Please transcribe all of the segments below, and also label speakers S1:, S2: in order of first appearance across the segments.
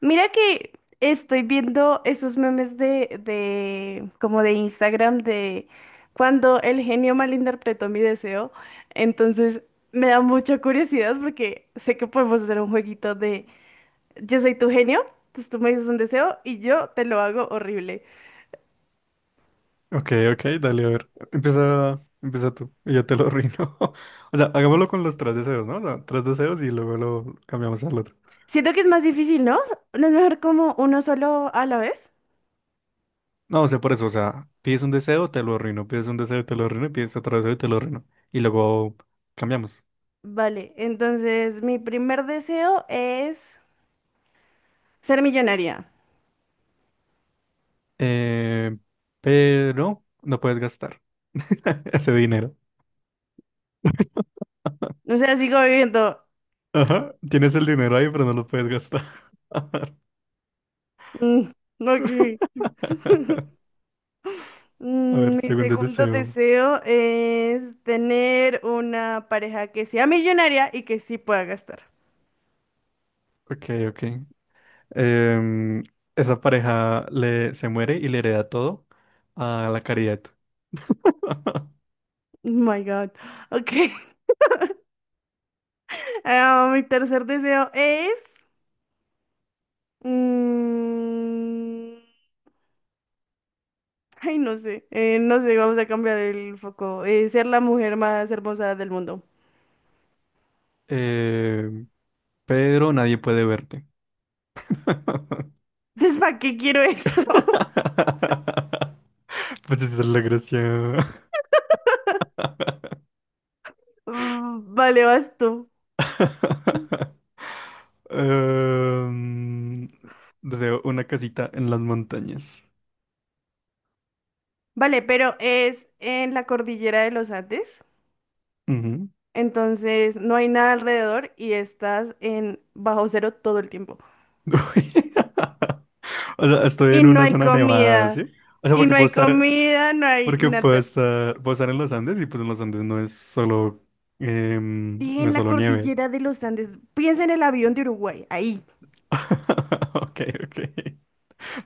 S1: Mira que estoy viendo esos memes como de Instagram de cuando el genio malinterpretó mi deseo. Entonces me da mucha curiosidad porque sé que podemos hacer un jueguito de yo soy tu genio, entonces tú me dices un deseo y yo te lo hago horrible.
S2: Ok, ok, dale, a ver. Empieza, tú y yo te lo arruino. O sea, hagámoslo con los tres deseos, ¿no? O sea, tres deseos y luego lo cambiamos al otro.
S1: Siento que es más difícil, ¿no? ¿No es mejor como uno solo a la vez?
S2: No, o sea, por eso, o sea, pides un deseo, te lo arruino, pides un deseo, te lo arruino, y pides otro deseo y te lo arruino. Y luego cambiamos.
S1: Vale, entonces mi primer deseo es ser millonaria.
S2: Eh, pero no puedes gastar ese dinero.
S1: O sea, sigo viviendo.
S2: Ajá, tienes el dinero ahí, pero no lo puedes gastar. A
S1: Mm, ok.
S2: ver,
S1: Mi
S2: segundo
S1: segundo
S2: deseo.
S1: deseo es tener una pareja que sea millonaria y que sí pueda gastar.
S2: Ok, ok. Em, Esa pareja se muere y le hereda todo a la caridad.
S1: Oh my God. Ok. Ah, mi tercer deseo es... mm, Ay, no sé. No sé, vamos a cambiar el foco. Ser la mujer más hermosa del mundo.
S2: Em, pero nadie puede verte.
S1: Entonces, ¿para qué quiero eso?
S2: Pues esa es la gracia.
S1: Vale, vas tú.
S2: Em, Deseo una casita en las montañas.
S1: Vale, pero es en la cordillera de los Andes.
S2: Ujú.
S1: Entonces no hay nada alrededor y estás en bajo cero todo el tiempo.
S2: O sea, estoy
S1: Y
S2: en
S1: no
S2: una
S1: hay
S2: zona nevada,
S1: comida.
S2: ¿sí? O sea,
S1: Y
S2: porque
S1: no
S2: puedo
S1: hay
S2: estar
S1: comida, no hay
S2: Porque puedo
S1: nada.
S2: estar, en los Andes y pues en los Andes no es solo,
S1: Dije
S2: no
S1: en
S2: es
S1: la
S2: solo nieve.
S1: cordillera de los Andes. Piensa en el avión de Uruguay. Ahí.
S2: Ok, ok.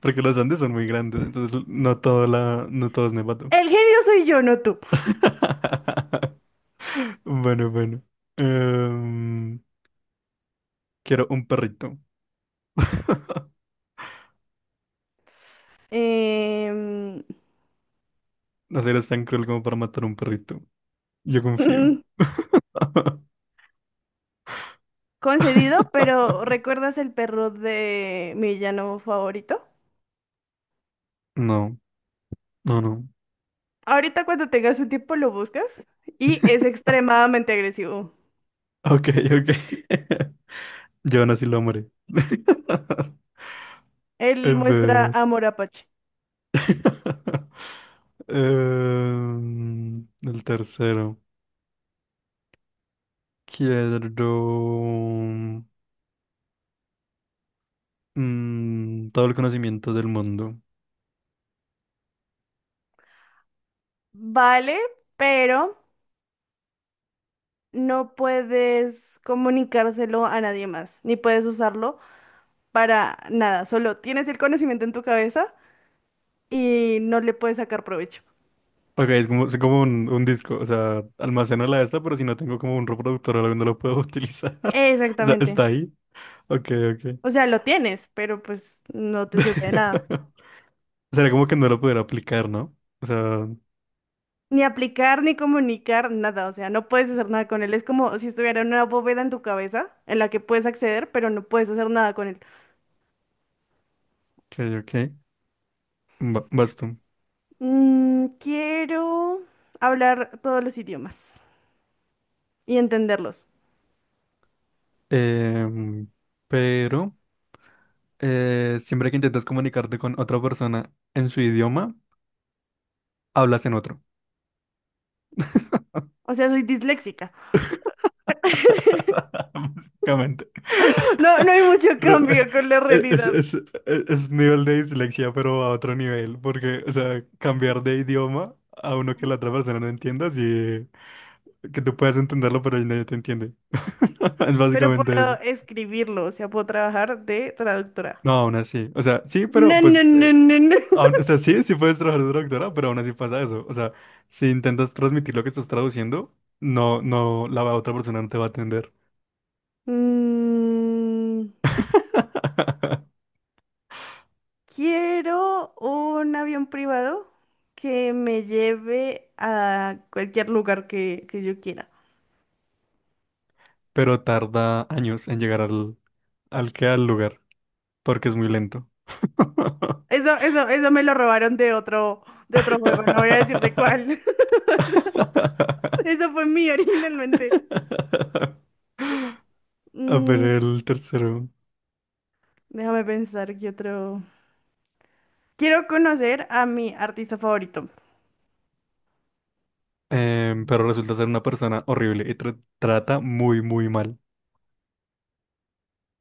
S2: Porque los Andes son muy grandes, entonces no todo es nevado.
S1: El genio soy yo, no tú.
S2: Bueno, bueno. Em, Quiero un perrito.
S1: Em,
S2: No eres tan cruel como para matar un perrito. Yo confío.
S1: mm, concedido, pero ¿recuerdas el perro de mi villano favorito?
S2: No, no, no.
S1: Ahorita cuando tengas un tiempo lo buscas y es extremadamente agresivo.
S2: Ok, ok. Yo aún así lo amaré. A
S1: Él muestra
S2: ver.
S1: amor apache.
S2: El tercero. Quiero todo el conocimiento del mundo.
S1: Vale, pero no puedes comunicárselo a nadie más, ni puedes usarlo para nada, solo tienes el conocimiento en tu cabeza y no le puedes sacar provecho.
S2: Ok, es como un disco. O sea, almaceno la esta, pero si no tengo como un reproductor o algo, no lo puedo utilizar. O sea,
S1: Exactamente.
S2: está ahí. Ok, ok.
S1: O sea, lo tienes, pero pues no te sirve de nada.
S2: Sería como que no lo pudiera aplicar, ¿no? O sea, ok,
S1: Ni aplicar, ni comunicar, nada. O sea, no puedes hacer nada con él. Es como si estuviera una bóveda en tu cabeza en la que puedes acceder, pero no puedes hacer nada con él.
S2: ok. Basto.
S1: Quiero hablar todos los idiomas y entenderlos.
S2: Em, pero siempre que intentas comunicarte con otra persona en su idioma, hablas en otro.
S1: O sea, soy disléxica.
S2: Básicamente.
S1: No, no hay mucho
S2: Pero es,
S1: cambio con la
S2: es,
S1: realidad,
S2: es, es- es nivel de dislexia, pero a otro nivel, porque, o sea, cambiar de idioma a uno que la otra persona no entienda, sí, que tú puedas entenderlo, pero nadie te entiende. Es
S1: pero
S2: básicamente
S1: puedo
S2: eso.
S1: escribirlo, o sea, puedo trabajar de traductora.
S2: No, aún así. O sea, sí,
S1: No,
S2: pero
S1: no,
S2: pues,
S1: no, no, no.
S2: o sea, sí, puedes trabajar de traductora, pero aún así pasa eso. O sea, si intentas transmitir lo que estás traduciendo, no, la otra persona no te va a atender.
S1: Mm, Quiero un avión privado que me lleve a cualquier lugar que yo quiera.
S2: Pero tarda años en llegar al que al lugar. Porque es muy lento.
S1: Eso me lo robaron de otro juego, no voy a decir de cuál. Eso fue mío originalmente.
S2: A ver,
S1: Mm,
S2: el tercero.
S1: Déjame pensar qué otro. Quiero conocer a mi artista favorito.
S2: Pero resulta ser una persona horrible y trata muy, muy mal.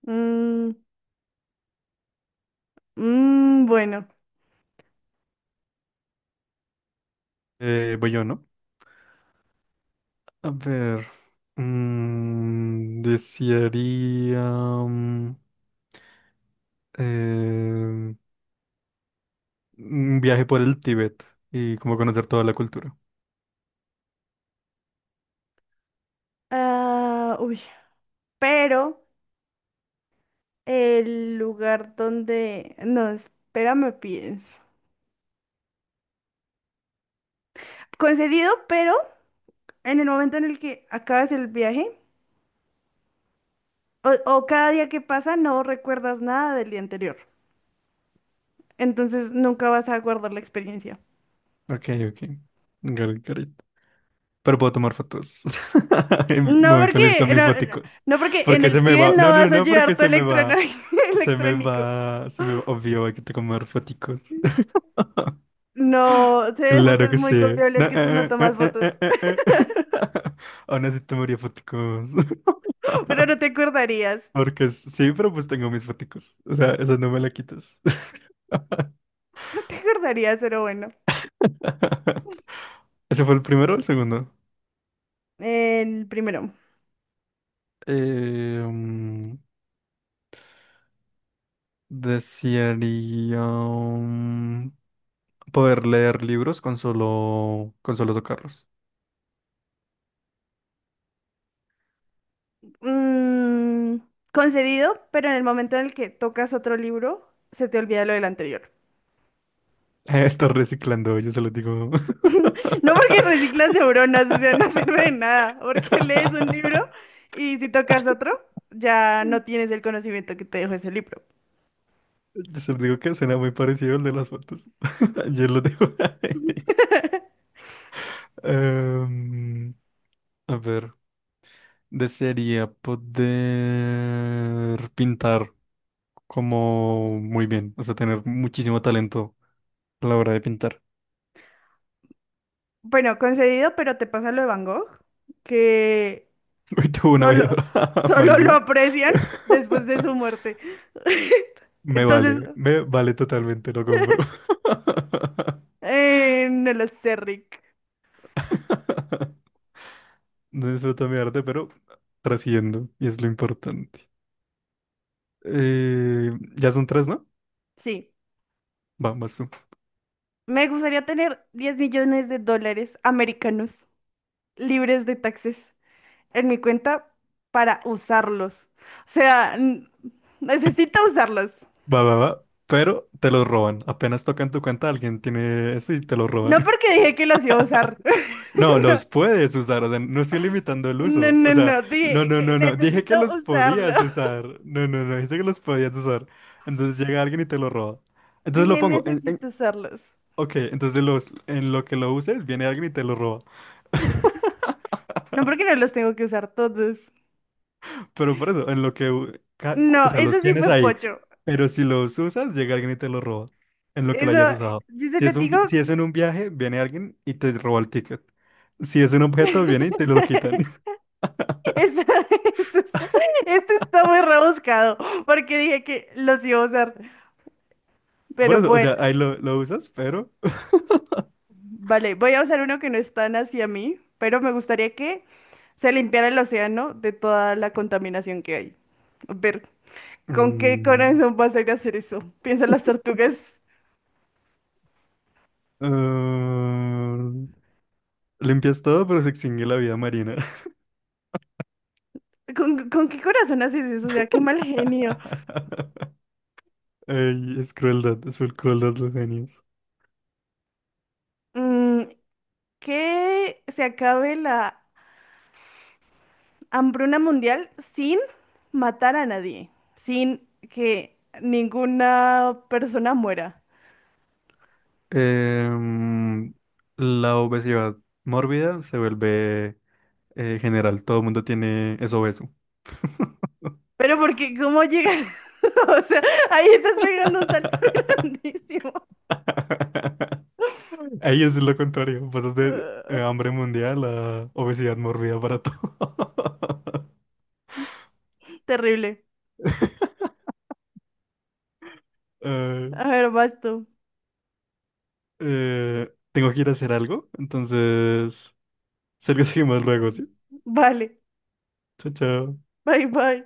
S1: Mm, mm, bueno.
S2: Voy yo, ¿no? A ver. Desearía em, un viaje por el Tíbet y como conocer toda la cultura.
S1: Ah, uy. Pero el lugar donde... No, espérame, pienso. Concedido, pero en el momento en el que acabas el viaje o cada día que pasa no recuerdas nada del día anterior. Entonces nunca vas a guardar la experiencia.
S2: Ok, ok. Got it, got it. Pero puedo tomar fotos. Y
S1: No
S2: muy feliz con
S1: porque,
S2: mis
S1: no,
S2: foticos.
S1: no porque en
S2: Porque se
S1: el
S2: me
S1: Tíbet
S2: va.
S1: no
S2: No, no,
S1: vas a
S2: no,
S1: llevar
S2: porque
S1: tu
S2: se me
S1: electrono-
S2: va. Se me
S1: electrónico.
S2: va. Se me va. Obvio, hay que tomar foticos.
S1: No, sé de
S2: Claro
S1: fuentes
S2: que
S1: muy
S2: sí. No,
S1: confiables que tú no tomas fotos,
S2: Aún así tomaría foticos.
S1: pero no te acordarías.
S2: Porque sí, pero pues tengo mis foticos. O sea, eso no me la quitas.
S1: No te acordarías, pero bueno.
S2: ¿Ese fue el primero o el segundo?
S1: El primero.
S2: Eh, mm, Desearía. Poder leer libros con solo tocarlos.
S1: Mm, Concedido, pero en el momento en el que tocas otro libro, se te olvida lo del anterior.
S2: Estoy reciclando, yo se lo digo.
S1: No porque reciclas neuronas, o sea, no sirve de nada, porque lees un libro y si tocas otro, ya no tienes el conocimiento que te dejó ese libro.
S2: Yo se lo digo que suena muy parecido al de las fotos. Yo lo digo. Em, a ver, desearía poder pintar como muy bien, o sea, tener muchísimo talento a la hora de pintar.
S1: Bueno, concedido, pero te pasa lo de Van Gogh, que
S2: Hoy tuve una vida
S1: solo, solo lo
S2: malísima.
S1: aprecian después de su muerte. Entonces,
S2: Me vale totalmente, lo compro.
S1: no lo sé, Rick.
S2: No disfruto mi arte, pero trasciendo, y es lo importante. Ya son tres, ¿no?
S1: Sí.
S2: Vamos tú.
S1: Me gustaría tener 10 millones de dólares americanos libres de taxes en mi cuenta para usarlos. O sea, necesito usarlos.
S2: Va, va, va. Pero te los roban. Apenas tocan tu cuenta, alguien tiene eso y te lo roban.
S1: No porque dije que los iba a usar.
S2: No, los puedes usar. O sea, no estoy limitando el
S1: No,
S2: uso. O
S1: no,
S2: sea,
S1: no.
S2: no,
S1: Dije
S2: no,
S1: que
S2: no, no. Dije que
S1: necesito
S2: los
S1: usarlos.
S2: podías usar. No, no, no. Dije que los podías usar. Entonces llega alguien y te lo roba. Entonces lo
S1: Dije
S2: pongo.
S1: necesito usarlos.
S2: Ok, entonces en lo que lo uses, viene alguien y te lo roba.
S1: No porque no los tengo que usar todos.
S2: Pero por eso, en lo que, o
S1: No,
S2: sea, los
S1: eso sí
S2: tienes
S1: fue
S2: ahí.
S1: pocho.
S2: Pero si los usas, llega alguien y te lo roba. En lo que lo
S1: Eso,
S2: hayas usado.
S1: yo se lo digo,
S2: Si es en un viaje, viene alguien y te roba el ticket. Si es un objeto, viene y te lo quitan.
S1: esto, esto, está esto está muy rebuscado, porque dije que los iba a usar, pero
S2: Por eso, o
S1: bueno,
S2: sea, ahí lo usas, pero...
S1: vale, voy a usar uno que no es tan hacia mí, pero me gustaría que se limpiara el océano de toda la contaminación que hay. A ver, ¿con qué
S2: mm,
S1: corazón vas a ir a hacer eso? Piensa en las tortugas.
S2: ah, limpias todo, pero se extingue la vida marina.
S1: ¿Con qué corazón haces eso? O sea, qué mal genio.
S2: Ey, es crueldad, es full crueldad los genios.
S1: Mm, que se acabe la hambruna mundial sin matar a nadie, sin que ninguna persona muera.
S2: Em, la obesidad mórbida se vuelve general, todo el mundo tiene es obeso.
S1: Pero porque, ¿cómo llegas? O sea, ahí estás pegando un salto grandísimo.
S2: Ahí es lo contrario, pasas de
S1: Ah,
S2: hambre mundial a obesidad mórbida para todo.
S1: terrible.
S2: Eh,
S1: A ver, vas tú.
S2: Tengo que ir a hacer algo, entonces, sé que seguimos luego, ¿sí?
S1: Vale.
S2: Chao, chao.
S1: Bye, bye.